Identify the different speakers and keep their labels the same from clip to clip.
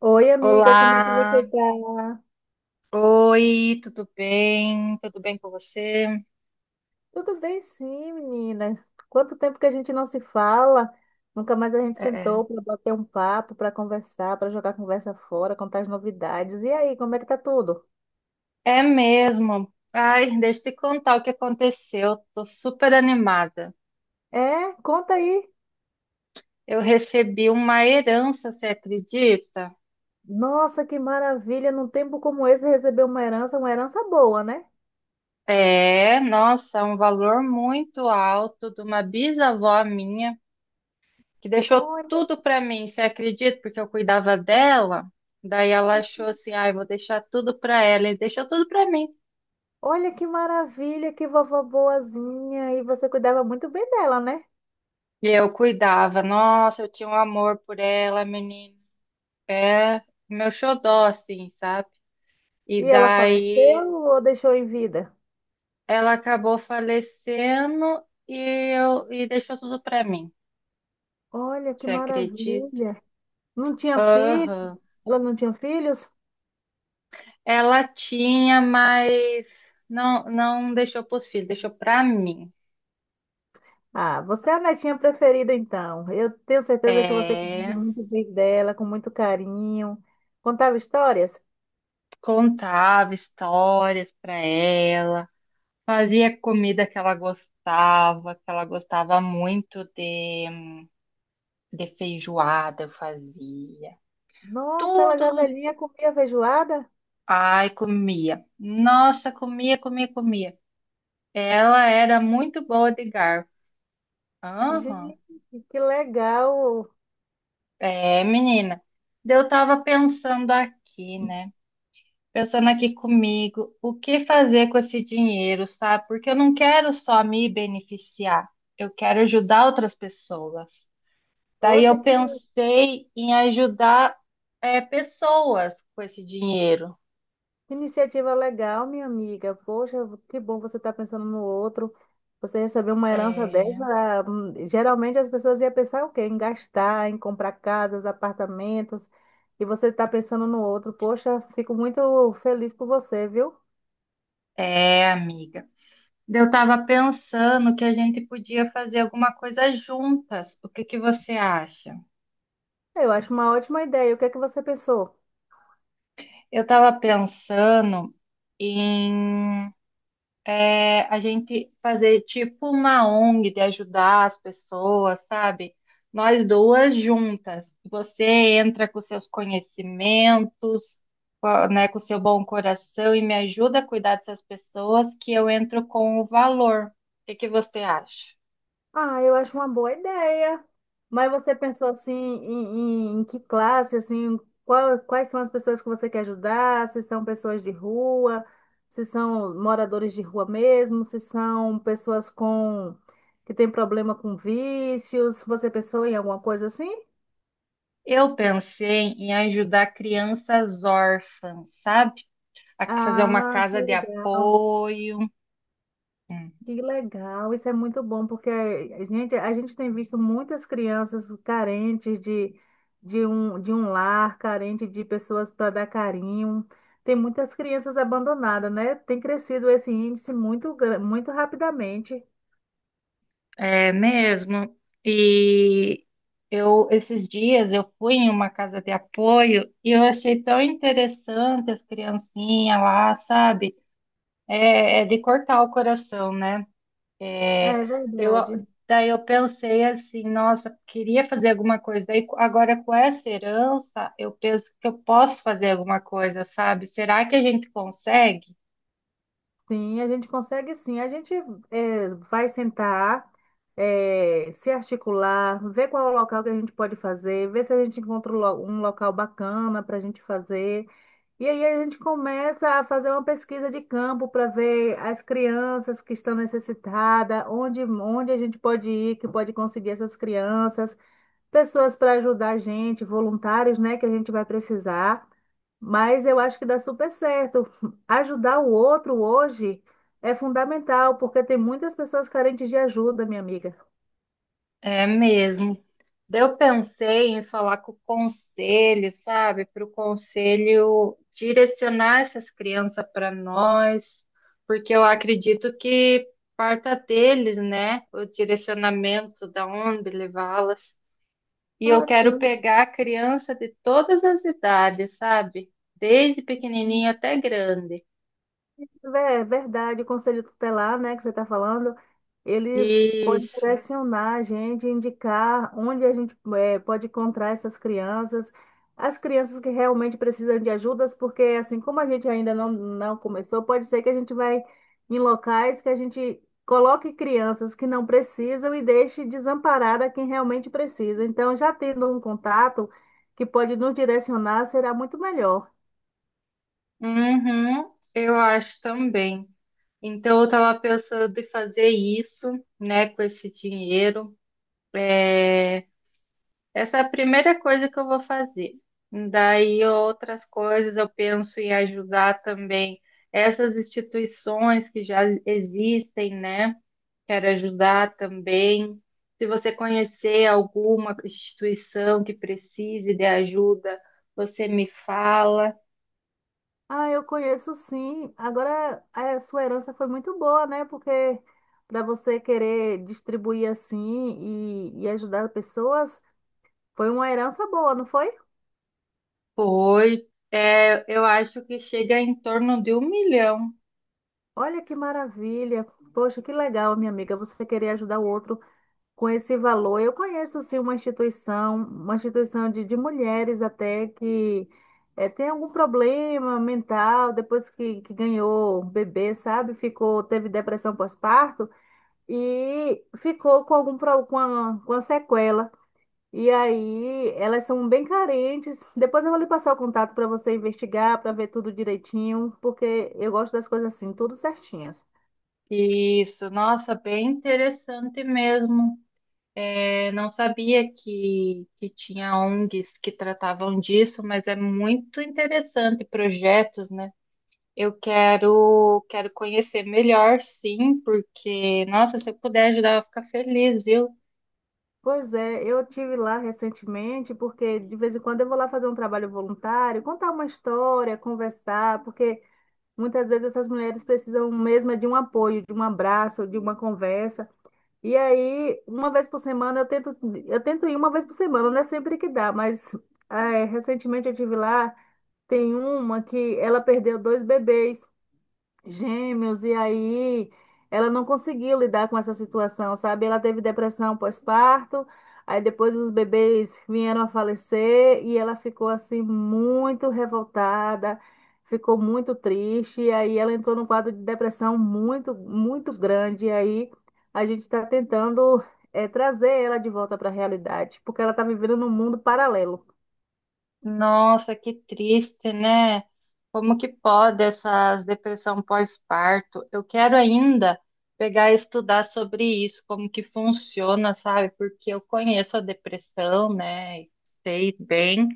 Speaker 1: Oi, amiga, como é que você
Speaker 2: Olá,
Speaker 1: tá?
Speaker 2: oi, tudo bem? Tudo bem com você?
Speaker 1: Tudo bem, sim, menina. Quanto tempo que a gente não se fala? Nunca mais a gente
Speaker 2: É,
Speaker 1: sentou para bater um papo, para conversar, para jogar conversa fora, contar as novidades. E aí, como é que tá tudo?
Speaker 2: é mesmo. Ai, deixa eu te contar o que aconteceu. Tô super animada.
Speaker 1: É, conta aí.
Speaker 2: Eu recebi uma herança, você acredita?
Speaker 1: Nossa, que maravilha! Num tempo como esse, receber uma herança boa, né?
Speaker 2: É, nossa, um valor muito alto de uma bisavó minha que deixou
Speaker 1: Olha,
Speaker 2: tudo para mim, você acredita? Porque eu cuidava dela. Daí ela
Speaker 1: que-
Speaker 2: achou assim, ai, vou deixar tudo para ela e deixou tudo para mim.
Speaker 1: olha que maravilha, que vovó boazinha! E você cuidava muito bem dela, né?
Speaker 2: Eu cuidava. Nossa, eu tinha um amor por ela, menina. É meu xodó, assim, sabe? E
Speaker 1: E ela
Speaker 2: daí
Speaker 1: faleceu ou deixou em vida?
Speaker 2: ela acabou falecendo e deixou tudo pra mim.
Speaker 1: Olha que
Speaker 2: Você acredita?
Speaker 1: maravilha! Não tinha filhos?
Speaker 2: Aham.
Speaker 1: Ela não tinha filhos?
Speaker 2: Ela tinha, mas não, não deixou pros filhos, deixou pra mim.
Speaker 1: Ah, você é a netinha preferida, então. Eu tenho certeza que você cuidava
Speaker 2: É,
Speaker 1: muito bem dela, com muito carinho. Contava histórias?
Speaker 2: contava histórias pra ela, fazia comida que ela gostava muito de. De feijoada eu fazia.
Speaker 1: Nossa, ela já
Speaker 2: Tudo.
Speaker 1: velhinha comia feijoada?
Speaker 2: Ai, comia. Nossa, comia, comia, comia. Ela era muito boa de garfo. Aham.
Speaker 1: Gente, que legal!
Speaker 2: É, menina. Daí eu tava pensando aqui, né? Pensando aqui comigo, o que fazer com esse dinheiro, sabe? Porque eu não quero só me beneficiar, eu quero ajudar outras pessoas. Daí
Speaker 1: Poxa,
Speaker 2: eu
Speaker 1: que
Speaker 2: pensei em ajudar, é, pessoas com esse dinheiro.
Speaker 1: Iniciativa legal, minha amiga. Poxa, que bom você estar pensando no outro. Você recebeu uma herança
Speaker 2: É,
Speaker 1: dessa, geralmente as pessoas iam pensar o quê? Em gastar, em comprar casas, apartamentos, e você está pensando no outro. Poxa, fico muito feliz por você, viu?
Speaker 2: é, amiga. Eu estava pensando que a gente podia fazer alguma coisa juntas. O que que você acha?
Speaker 1: Eu acho uma ótima ideia. O que é que você pensou?
Speaker 2: Eu estava pensando em a gente fazer tipo uma ONG de ajudar as pessoas, sabe? Nós duas juntas. Você entra com seus conhecimentos, né, com seu bom coração e me ajuda a cuidar dessas pessoas, que eu entro com o valor. O que que você acha?
Speaker 1: Ah, eu acho uma boa ideia. Mas você pensou assim em que classe, assim, quais são as pessoas que você quer ajudar? Se são pessoas de rua, se são moradores de rua mesmo, se são pessoas com que têm problema com vícios. Você pensou em alguma coisa assim?
Speaker 2: Eu pensei em ajudar crianças órfãs, sabe? A fazer uma
Speaker 1: Ah, que
Speaker 2: casa de
Speaker 1: legal.
Speaker 2: apoio.
Speaker 1: Que legal, isso é muito bom, porque a gente tem visto muitas crianças carentes de um lar, carente de pessoas para dar carinho. Tem muitas crianças abandonadas, né? Tem crescido esse índice muito, muito rapidamente.
Speaker 2: É mesmo. E eu esses dias eu fui em uma casa de apoio e eu achei tão interessante as criancinhas lá, sabe? É, é de cortar o coração, né? É,
Speaker 1: É
Speaker 2: eu,
Speaker 1: verdade.
Speaker 2: daí eu pensei assim, nossa, queria fazer alguma coisa. Daí agora com essa herança, eu penso que eu posso fazer alguma coisa, sabe? Será que a gente consegue?
Speaker 1: Sim, a gente consegue sim. A gente vai sentar, se articular, ver qual é o local que a gente pode fazer, ver se a gente encontra um local bacana para a gente fazer. E aí a gente começa a fazer uma pesquisa de campo para ver as crianças que estão necessitadas, onde a gente pode ir, que pode conseguir essas crianças pessoas para ajudar a gente, voluntários, né, que a gente vai precisar. Mas eu acho que dá super certo. Ajudar o outro hoje é fundamental, porque tem muitas pessoas carentes de ajuda, minha amiga.
Speaker 2: É mesmo. Daí eu pensei em falar com o conselho, sabe? Para o conselho direcionar essas crianças para nós, porque eu acredito que parta deles, né? O direcionamento da onde levá-las. E eu
Speaker 1: Ah,
Speaker 2: quero
Speaker 1: sim.
Speaker 2: pegar a criança de todas as idades, sabe? Desde pequenininho até grande.
Speaker 1: É verdade, o conselho tutelar, né, que você está falando, eles podem
Speaker 2: Isso.
Speaker 1: direcionar a gente, indicar onde a gente pode encontrar essas crianças, as crianças que realmente precisam de ajudas, porque assim como a gente ainda não começou, pode ser que a gente vai em locais que a gente coloque crianças que não precisam e deixe desamparada quem realmente precisa. Então, já tendo um contato que pode nos direcionar, será muito melhor.
Speaker 2: Uhum, eu acho também. Então, eu estava pensando em fazer isso, né, com esse dinheiro. É, essa é a primeira coisa que eu vou fazer. Daí, outras coisas eu penso em ajudar também essas instituições que já existem, né? Quero ajudar também. Se você conhecer alguma instituição que precise de ajuda, você me fala.
Speaker 1: Ah, eu conheço sim. Agora, a sua herança foi muito boa, né? Porque para você querer distribuir assim e ajudar pessoas, foi uma herança boa, não foi?
Speaker 2: Foi. É, eu acho que chega em torno de 1 milhão.
Speaker 1: Olha que maravilha. Poxa, que legal, minha amiga, você querer ajudar o outro com esse valor. Eu conheço sim uma instituição de mulheres até que tem algum problema mental, depois que ganhou bebê, sabe? Ficou, teve depressão pós-parto. E ficou com algum com a sequela. E aí elas são bem carentes. Depois eu vou lhe passar o contato para você investigar, para ver tudo direitinho, porque eu gosto das coisas assim, tudo certinhas.
Speaker 2: Isso, nossa, bem interessante mesmo. Eu não sabia que tinha ONGs que tratavam disso, mas é muito interessante projetos, né? Eu quero, quero conhecer melhor, sim, porque, nossa, se eu puder ajudar, eu vou ficar feliz, viu?
Speaker 1: Pois é, eu tive lá recentemente, porque de vez em quando eu vou lá fazer um trabalho voluntário, contar uma história, conversar, porque muitas vezes essas mulheres precisam mesmo é de um apoio, de um abraço, de uma conversa. E aí, uma vez por semana, eu tento ir uma vez por semana, não é sempre que dá, mas é, recentemente eu tive lá, tem uma que ela perdeu dois bebês. Gêmeos, e aí ela não conseguiu lidar com essa situação, sabe? Ela teve depressão pós-parto, aí depois os bebês vieram a falecer e ela ficou assim muito revoltada, ficou muito triste, e aí ela entrou num quadro de depressão muito, muito grande, e aí a gente está tentando trazer ela de volta para a realidade, porque ela está vivendo num mundo paralelo.
Speaker 2: Nossa, que triste, né? Como que pode essas depressão pós-parto? Eu quero ainda pegar e estudar sobre isso, como que funciona, sabe? Porque eu conheço a depressão, né? Sei bem,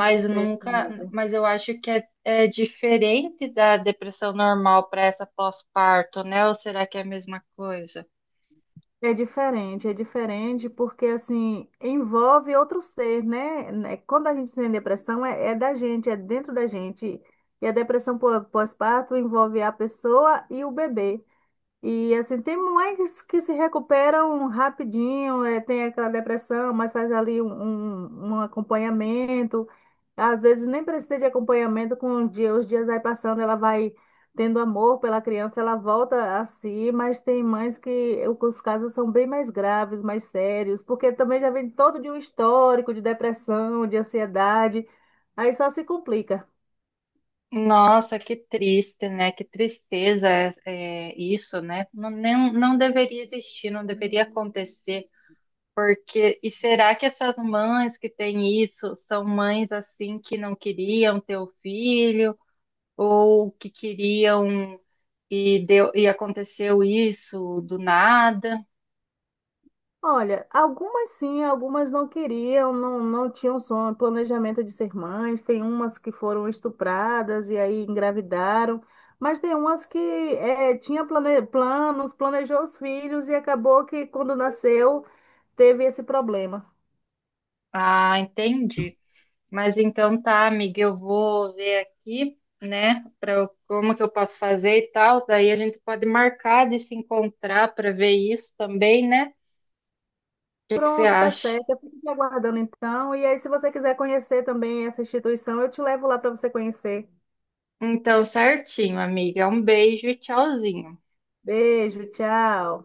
Speaker 1: Eu sei,
Speaker 2: nunca,
Speaker 1: amiga.
Speaker 2: mas eu acho que é, é diferente da depressão normal para essa pós-parto, né? Ou será que é a mesma coisa?
Speaker 1: É diferente porque assim envolve outro ser, né? Né, quando a gente tem depressão é da gente, é dentro da gente. E a depressão pós-parto envolve a pessoa e o bebê. E assim, tem mães que se recuperam rapidinho, tem aquela depressão, mas faz ali um acompanhamento. Às vezes nem precisa de acompanhamento, com o dia, os dias vai passando, ela vai tendo amor pela criança, ela volta a si, mas tem mães que os casos são bem mais graves, mais sérios, porque também já vem todo de um histórico de depressão, de ansiedade, aí só se complica.
Speaker 2: Nossa, que triste, né? Que tristeza é, é isso, né? Não, não deveria existir, não deveria acontecer. Porque, e será que essas mães que têm isso são mães assim que não queriam ter o filho ou que queriam e deu, e aconteceu isso do nada?
Speaker 1: Olha, algumas sim, algumas não queriam, não, não tinham sonho, planejamento de ser mães. Tem umas que foram estupradas e aí engravidaram, mas tem umas que tinha planos, planejou os filhos e acabou que quando nasceu teve esse problema.
Speaker 2: Ah, entendi. Mas então tá, amiga, eu vou ver aqui, né, para como que eu posso fazer e tal. Daí a gente pode marcar de se encontrar para ver isso também, né? O que que você
Speaker 1: Pronto, tá
Speaker 2: acha?
Speaker 1: certo. Eu fico te aguardando então. E aí, se você quiser conhecer também essa instituição, eu te levo lá para você conhecer.
Speaker 2: Então, certinho, amiga. Um beijo e tchauzinho.
Speaker 1: Beijo, tchau.